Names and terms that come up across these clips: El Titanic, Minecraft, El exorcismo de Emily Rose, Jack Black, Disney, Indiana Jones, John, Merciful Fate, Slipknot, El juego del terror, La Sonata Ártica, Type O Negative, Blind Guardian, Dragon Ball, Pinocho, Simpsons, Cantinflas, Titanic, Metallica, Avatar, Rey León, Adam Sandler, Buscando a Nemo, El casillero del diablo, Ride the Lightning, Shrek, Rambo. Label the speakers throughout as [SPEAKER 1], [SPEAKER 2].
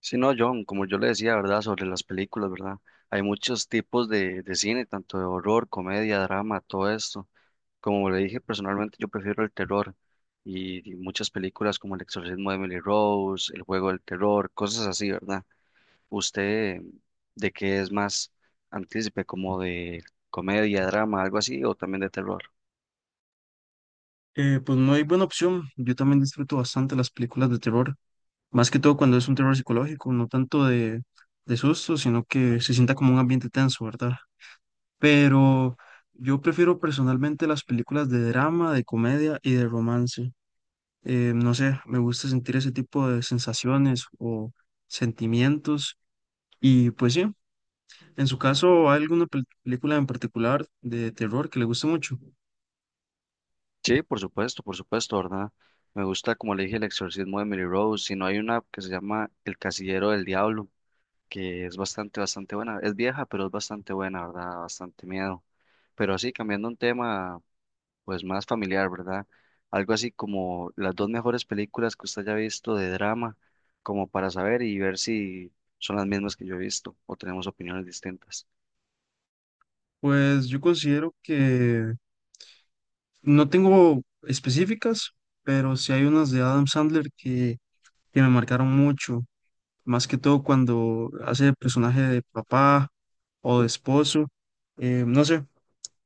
[SPEAKER 1] Sí, no, John, como yo le decía, ¿verdad? Sobre las películas, ¿verdad? Hay muchos tipos de cine, tanto de horror, comedia, drama, todo esto. Como le dije, personalmente yo prefiero el terror y muchas películas como El exorcismo de Emily Rose, El juego del terror, cosas así, ¿verdad? ¿Usted de qué es más antícipe, como de comedia, drama, algo así, o también de terror?
[SPEAKER 2] Pues no hay buena opción. Yo también disfruto bastante las películas de terror, más que todo cuando es un terror psicológico, no tanto de susto, sino que se sienta como un ambiente tenso, ¿verdad? Pero yo prefiero personalmente las películas de drama, de comedia y de romance. No sé, me gusta sentir ese tipo de sensaciones o sentimientos. Y pues sí, en su caso, ¿hay alguna película en particular de terror que le guste mucho?
[SPEAKER 1] Sí, por supuesto, ¿verdad? Me gusta, como le dije, El exorcismo de Emily Rose, si no hay una que se llama El casillero del diablo que es bastante, bastante buena. Es vieja, pero es bastante buena, ¿verdad? Bastante miedo. Pero así, cambiando un tema, pues más familiar, ¿verdad? Algo así como las dos mejores películas que usted haya visto de drama, como para saber y ver si son las mismas que yo he visto o tenemos opiniones distintas.
[SPEAKER 2] Pues yo considero que no tengo específicas, pero sí hay unas de Adam Sandler que me marcaron mucho, más que todo cuando hace el personaje de papá o de esposo. No sé,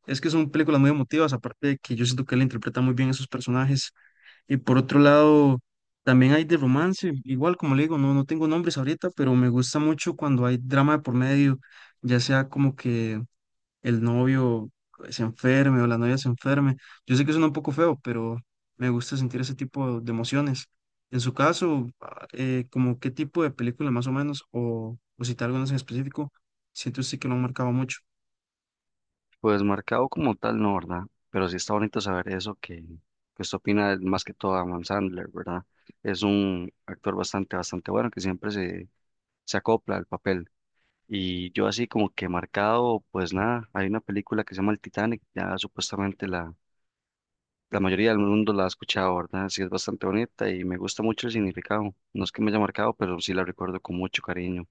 [SPEAKER 2] es que son películas muy emotivas, aparte de que yo siento que él interpreta muy bien a esos personajes. Y por otro lado, también hay de romance, igual como le digo, no, no tengo nombres ahorita, pero me gusta mucho cuando hay drama de por medio, ya sea como que el novio se enferme o la novia se enferme. Yo sé que suena un poco feo, pero me gusta sentir ese tipo de emociones. En su caso, ¿como qué tipo de película más o menos, o citar algunas en específico, siento usted que lo han marcado mucho?
[SPEAKER 1] Pues marcado como tal, no, ¿verdad? Pero sí está bonito saber eso que usted opina más que todo a Adam Sandler, ¿verdad? Es un actor bastante, bastante bueno que siempre se acopla al papel. Y yo así como que marcado, pues nada, hay una película que se llama El Titanic, ya supuestamente la mayoría del mundo la ha escuchado, ¿verdad? Sí, es bastante bonita y me gusta mucho el significado. No es que me haya marcado, pero sí la recuerdo con mucho cariño.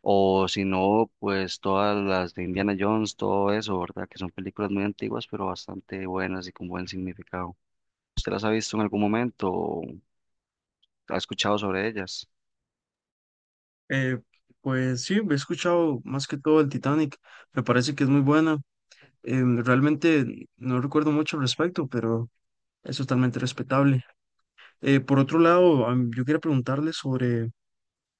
[SPEAKER 1] O si no, pues todas las de Indiana Jones, todo eso, ¿verdad? Que son películas muy antiguas, pero bastante buenas y con buen significado. ¿Usted las ha visto en algún momento o ha escuchado sobre ellas?
[SPEAKER 2] Eh, pues sí, he escuchado más que todo el Titanic, me parece que es muy buena. Realmente no recuerdo mucho al respecto, pero es totalmente respetable. Por otro lado, yo quería preguntarle sobre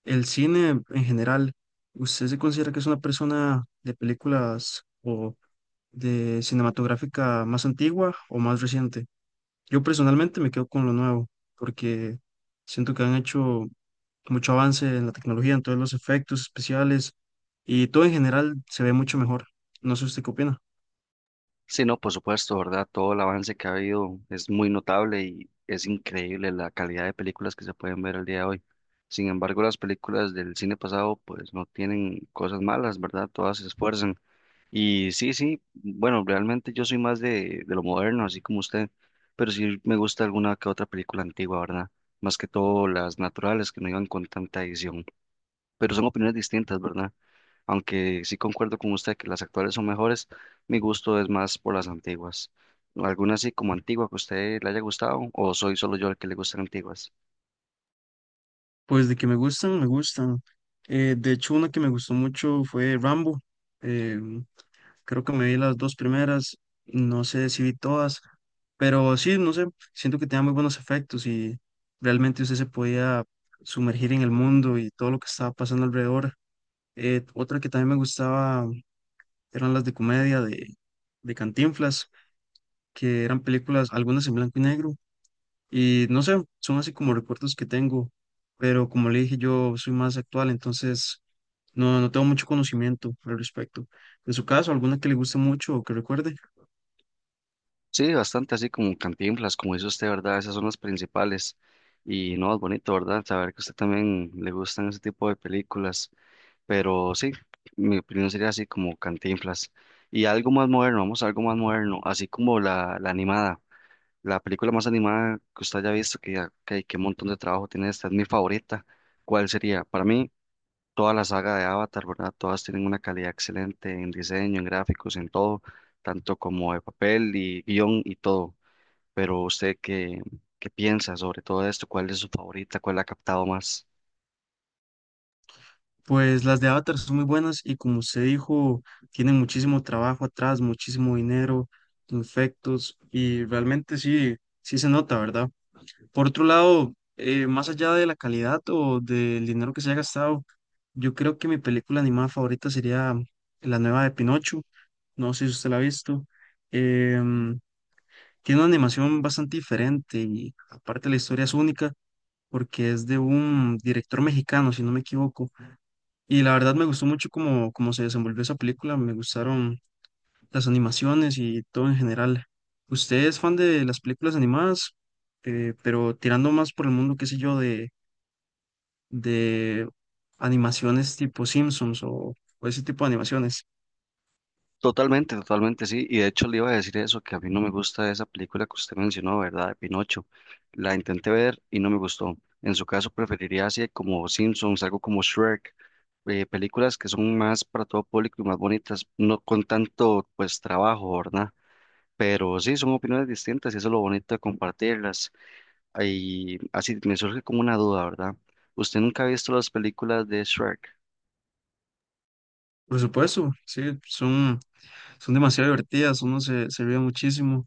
[SPEAKER 2] el cine en general, ¿usted se considera que es una persona de películas o de cinematográfica más antigua o más reciente? Yo personalmente me quedo con lo nuevo, porque siento que han hecho mucho avance en la tecnología, en todos los efectos especiales y todo en general se ve mucho mejor. No sé usted qué opina.
[SPEAKER 1] Sí, no, por supuesto, ¿verdad? Todo el avance que ha habido es muy notable y es increíble la calidad de películas que se pueden ver al día de hoy. Sin embargo, las películas del cine pasado pues no tienen cosas malas, ¿verdad? Todas se esfuerzan. Y sí, sí, bueno, realmente yo soy más de lo moderno, así como usted, pero sí me gusta alguna que otra película antigua, ¿verdad? Más que todo las naturales que no iban con tanta edición. Pero son opiniones distintas, ¿verdad? Aunque sí concuerdo con usted que las actuales son mejores, mi gusto es más por las antiguas. ¿Alguna así como antigua que a usted le haya gustado o soy solo yo el que le gustan antiguas?
[SPEAKER 2] Pues de que me gustan, me gustan. De hecho, una que me gustó mucho fue Rambo. Creo que me vi las dos primeras, no sé si vi todas, pero sí, no sé, siento que tenía muy buenos efectos y realmente usted se podía sumergir en el mundo y todo lo que estaba pasando alrededor. Otra que también me gustaba eran las de comedia de Cantinflas, que eran películas, algunas en blanco y negro, y no sé, son así como recuerdos que tengo, pero como le dije, yo soy más actual, entonces no, no tengo mucho conocimiento al respecto. En su caso, alguna que le guste mucho o que recuerde.
[SPEAKER 1] Sí, bastante así como Cantinflas, como dice usted, ¿verdad? Esas son las principales. Y no, es bonito, ¿verdad? Saber que a usted también le gustan ese tipo de películas. Pero sí, mi opinión sería así como Cantinflas. Y algo más moderno, vamos a algo más moderno, así como la animada. La película más animada que usted haya visto, que qué montón de trabajo tiene esta, es mi favorita. ¿Cuál sería? Para mí, toda la saga de Avatar, ¿verdad? Todas tienen una calidad excelente en diseño, en gráficos, en todo, tanto como de papel y guión y todo. Pero usted, ¿qué piensa sobre todo esto? ¿Cuál es su favorita? ¿Cuál la ha captado más?
[SPEAKER 2] Pues las de Avatar son muy buenas y como usted dijo, tienen muchísimo trabajo atrás, muchísimo dinero, efectos y realmente sí, sí se nota, ¿verdad? Por otro lado, más allá de la calidad o del dinero que se haya gastado, yo creo que mi película animada favorita sería la nueva de Pinocho, no sé si usted la ha visto. Em, Tiene una animación bastante diferente y aparte la historia es única porque es de un director mexicano, si no me equivoco. Y la verdad me gustó mucho cómo, cómo se desenvolvió esa película, me gustaron las animaciones y todo en general. ¿Usted es fan de las películas animadas, pero tirando más por el mundo, qué sé yo, de animaciones tipo Simpsons o ese tipo de animaciones?
[SPEAKER 1] Totalmente, totalmente, sí. Y de hecho le iba a decir eso, que a mí no me gusta esa película que usted mencionó, ¿verdad? De Pinocho. La intenté ver y no me gustó. En su caso preferiría así como Simpsons, algo como Shrek, películas que son más para todo público y más bonitas, no con tanto pues trabajo, ¿verdad? Pero sí, son opiniones distintas y eso es lo bonito de compartirlas. Y así me surge como una duda, ¿verdad? ¿Usted nunca ha visto las películas de Shrek?
[SPEAKER 2] Por supuesto, sí, son, son demasiado divertidas, uno se ríe muchísimo.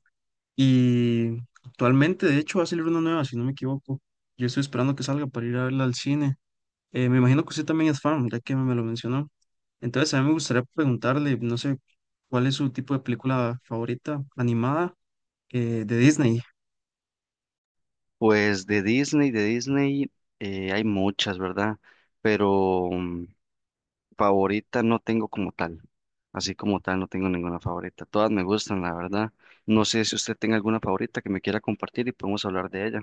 [SPEAKER 2] Y actualmente, de hecho, va a salir una nueva, si no me equivoco. Yo estoy esperando que salga para ir a verla al cine. Me imagino que usted también es fan, ya que me lo mencionó. Entonces, a mí me gustaría preguntarle, no sé, ¿cuál es su tipo de película favorita animada de Disney?
[SPEAKER 1] Pues de Disney hay muchas, ¿verdad? Pero favorita no tengo como tal. Así como tal, no tengo ninguna favorita. Todas me gustan, la verdad. No sé si usted tenga alguna favorita que me quiera compartir y podemos hablar de ella.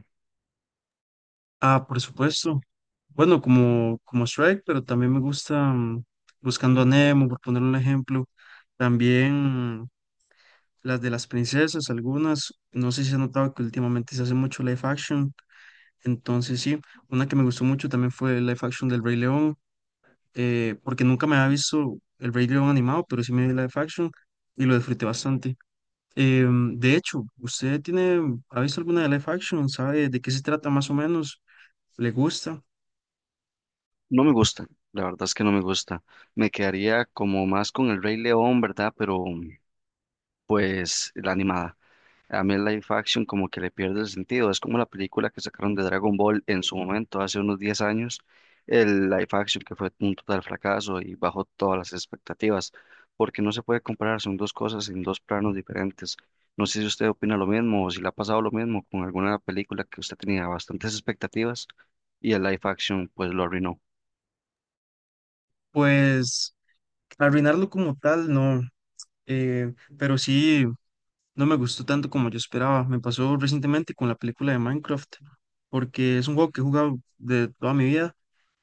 [SPEAKER 2] Ah, por supuesto. Bueno, como, como Shrek, pero también me gusta Buscando a Nemo, por poner un ejemplo. También las de las princesas, algunas. No sé si ha notado que últimamente se hace mucho live action. Entonces, sí, una que me gustó mucho también fue el live action del Rey León. Porque nunca me había visto el Rey León animado, pero sí me vi live action y lo disfruté bastante. De hecho, ¿usted tiene, ha visto alguna de live action? ¿Sabe de qué se trata más o menos? ¿Le gusta?
[SPEAKER 1] No me gusta, la verdad es que no me gusta. Me quedaría como más con el Rey León, ¿verdad? Pero pues la animada. A mí el live action como que le pierde el sentido. Es como la película que sacaron de Dragon Ball en su momento, hace unos 10 años. El live action que fue un total fracaso y bajó todas las expectativas, porque no se puede comparar, son dos cosas en dos planos diferentes. No sé si usted opina lo mismo o si le ha pasado lo mismo con alguna película que usted tenía bastantes expectativas y el live action pues lo arruinó.
[SPEAKER 2] Pues arruinarlo como tal, no, pero sí, no me gustó tanto como yo esperaba. Me pasó recientemente con la película de Minecraft, porque es un juego que he jugado de toda mi vida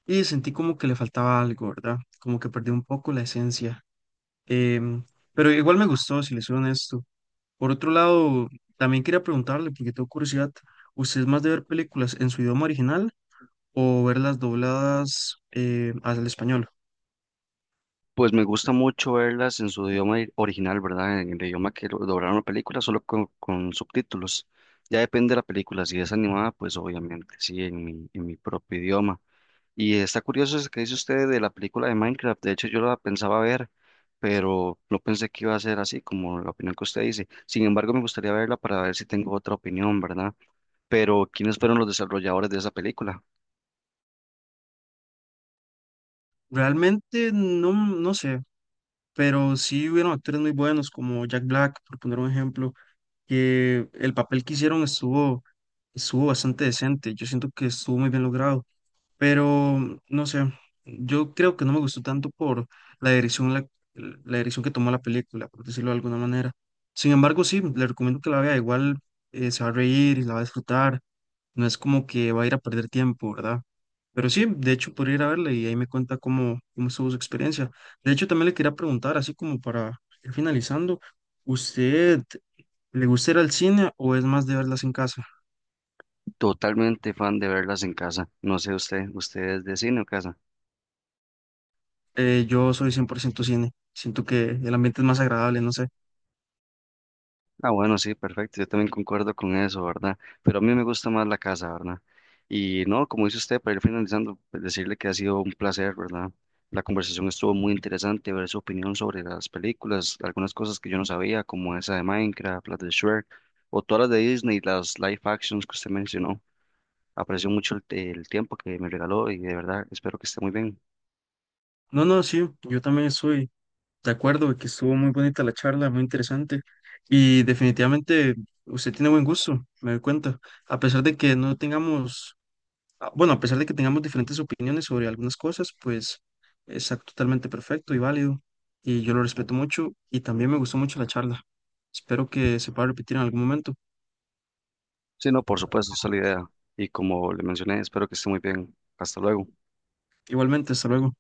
[SPEAKER 2] y sentí como que le faltaba algo, ¿verdad? Como que perdí un poco la esencia. Em, pero igual me gustó, si les soy honesto. Por otro lado, también quería preguntarle, porque tengo curiosidad, ¿usted es más de ver películas en su idioma original o verlas dobladas al español?
[SPEAKER 1] Pues me gusta mucho verlas en su idioma original, ¿verdad? En el idioma que doblaron la película, solo con subtítulos. Ya depende de la película, si es animada, pues obviamente sí, en mi propio idioma. Y está curioso eso que dice usted de la película de Minecraft, de hecho yo la pensaba ver, pero no pensé que iba a ser así como la opinión que usted dice. Sin embargo, me gustaría verla para ver si tengo otra opinión, ¿verdad? Pero ¿quiénes fueron los desarrolladores de esa película?
[SPEAKER 2] Realmente no, no sé, pero sí hubieron actores muy buenos como Jack Black, por poner un ejemplo, que el papel que hicieron estuvo, estuvo bastante decente. Yo siento que estuvo muy bien logrado. Pero no sé, yo creo que no me gustó tanto por la dirección, la dirección que tomó la película, por decirlo de alguna manera. Sin embargo, sí, le recomiendo que la vea, igual se va a reír y la va a disfrutar, no es como que va a ir a perder tiempo, ¿verdad? Pero sí, de hecho, podría ir a verla y ahí me cuenta cómo, cómo estuvo su experiencia. De hecho, también le quería preguntar, así como para ir finalizando, ¿usted le gusta ir al cine o es más de verlas en casa?
[SPEAKER 1] Totalmente fan de verlas en casa. No sé usted, ¿usted es de cine o casa?
[SPEAKER 2] Yo soy 100% cine, siento que el ambiente es más agradable, no sé.
[SPEAKER 1] Ah, bueno, sí, perfecto. Yo también concuerdo con eso, ¿verdad? Pero a mí me gusta más la casa, ¿verdad? Y no, como dice usted, para ir finalizando, pues, decirle que ha sido un placer, ¿verdad? La conversación estuvo muy interesante, ver su opinión sobre las películas, algunas cosas que yo no sabía, como esa de Minecraft, las de Shrek, o todas las de Disney, las live actions que usted mencionó. Aprecio mucho el tiempo que me regaló y de verdad espero que esté muy bien.
[SPEAKER 2] No, no, sí, yo también estoy de acuerdo de que estuvo muy bonita la charla, muy interesante y definitivamente usted tiene buen gusto, me doy cuenta, a pesar de que no tengamos, ah, bueno, a pesar de que tengamos diferentes opiniones sobre algunas cosas, pues es totalmente perfecto y válido y yo lo respeto mucho y también me gustó mucho la charla. Espero que se pueda repetir en algún momento.
[SPEAKER 1] Sí, no, por supuesto, esa es la idea. Y como le mencioné, espero que esté muy bien. Hasta luego.
[SPEAKER 2] Igualmente, hasta luego.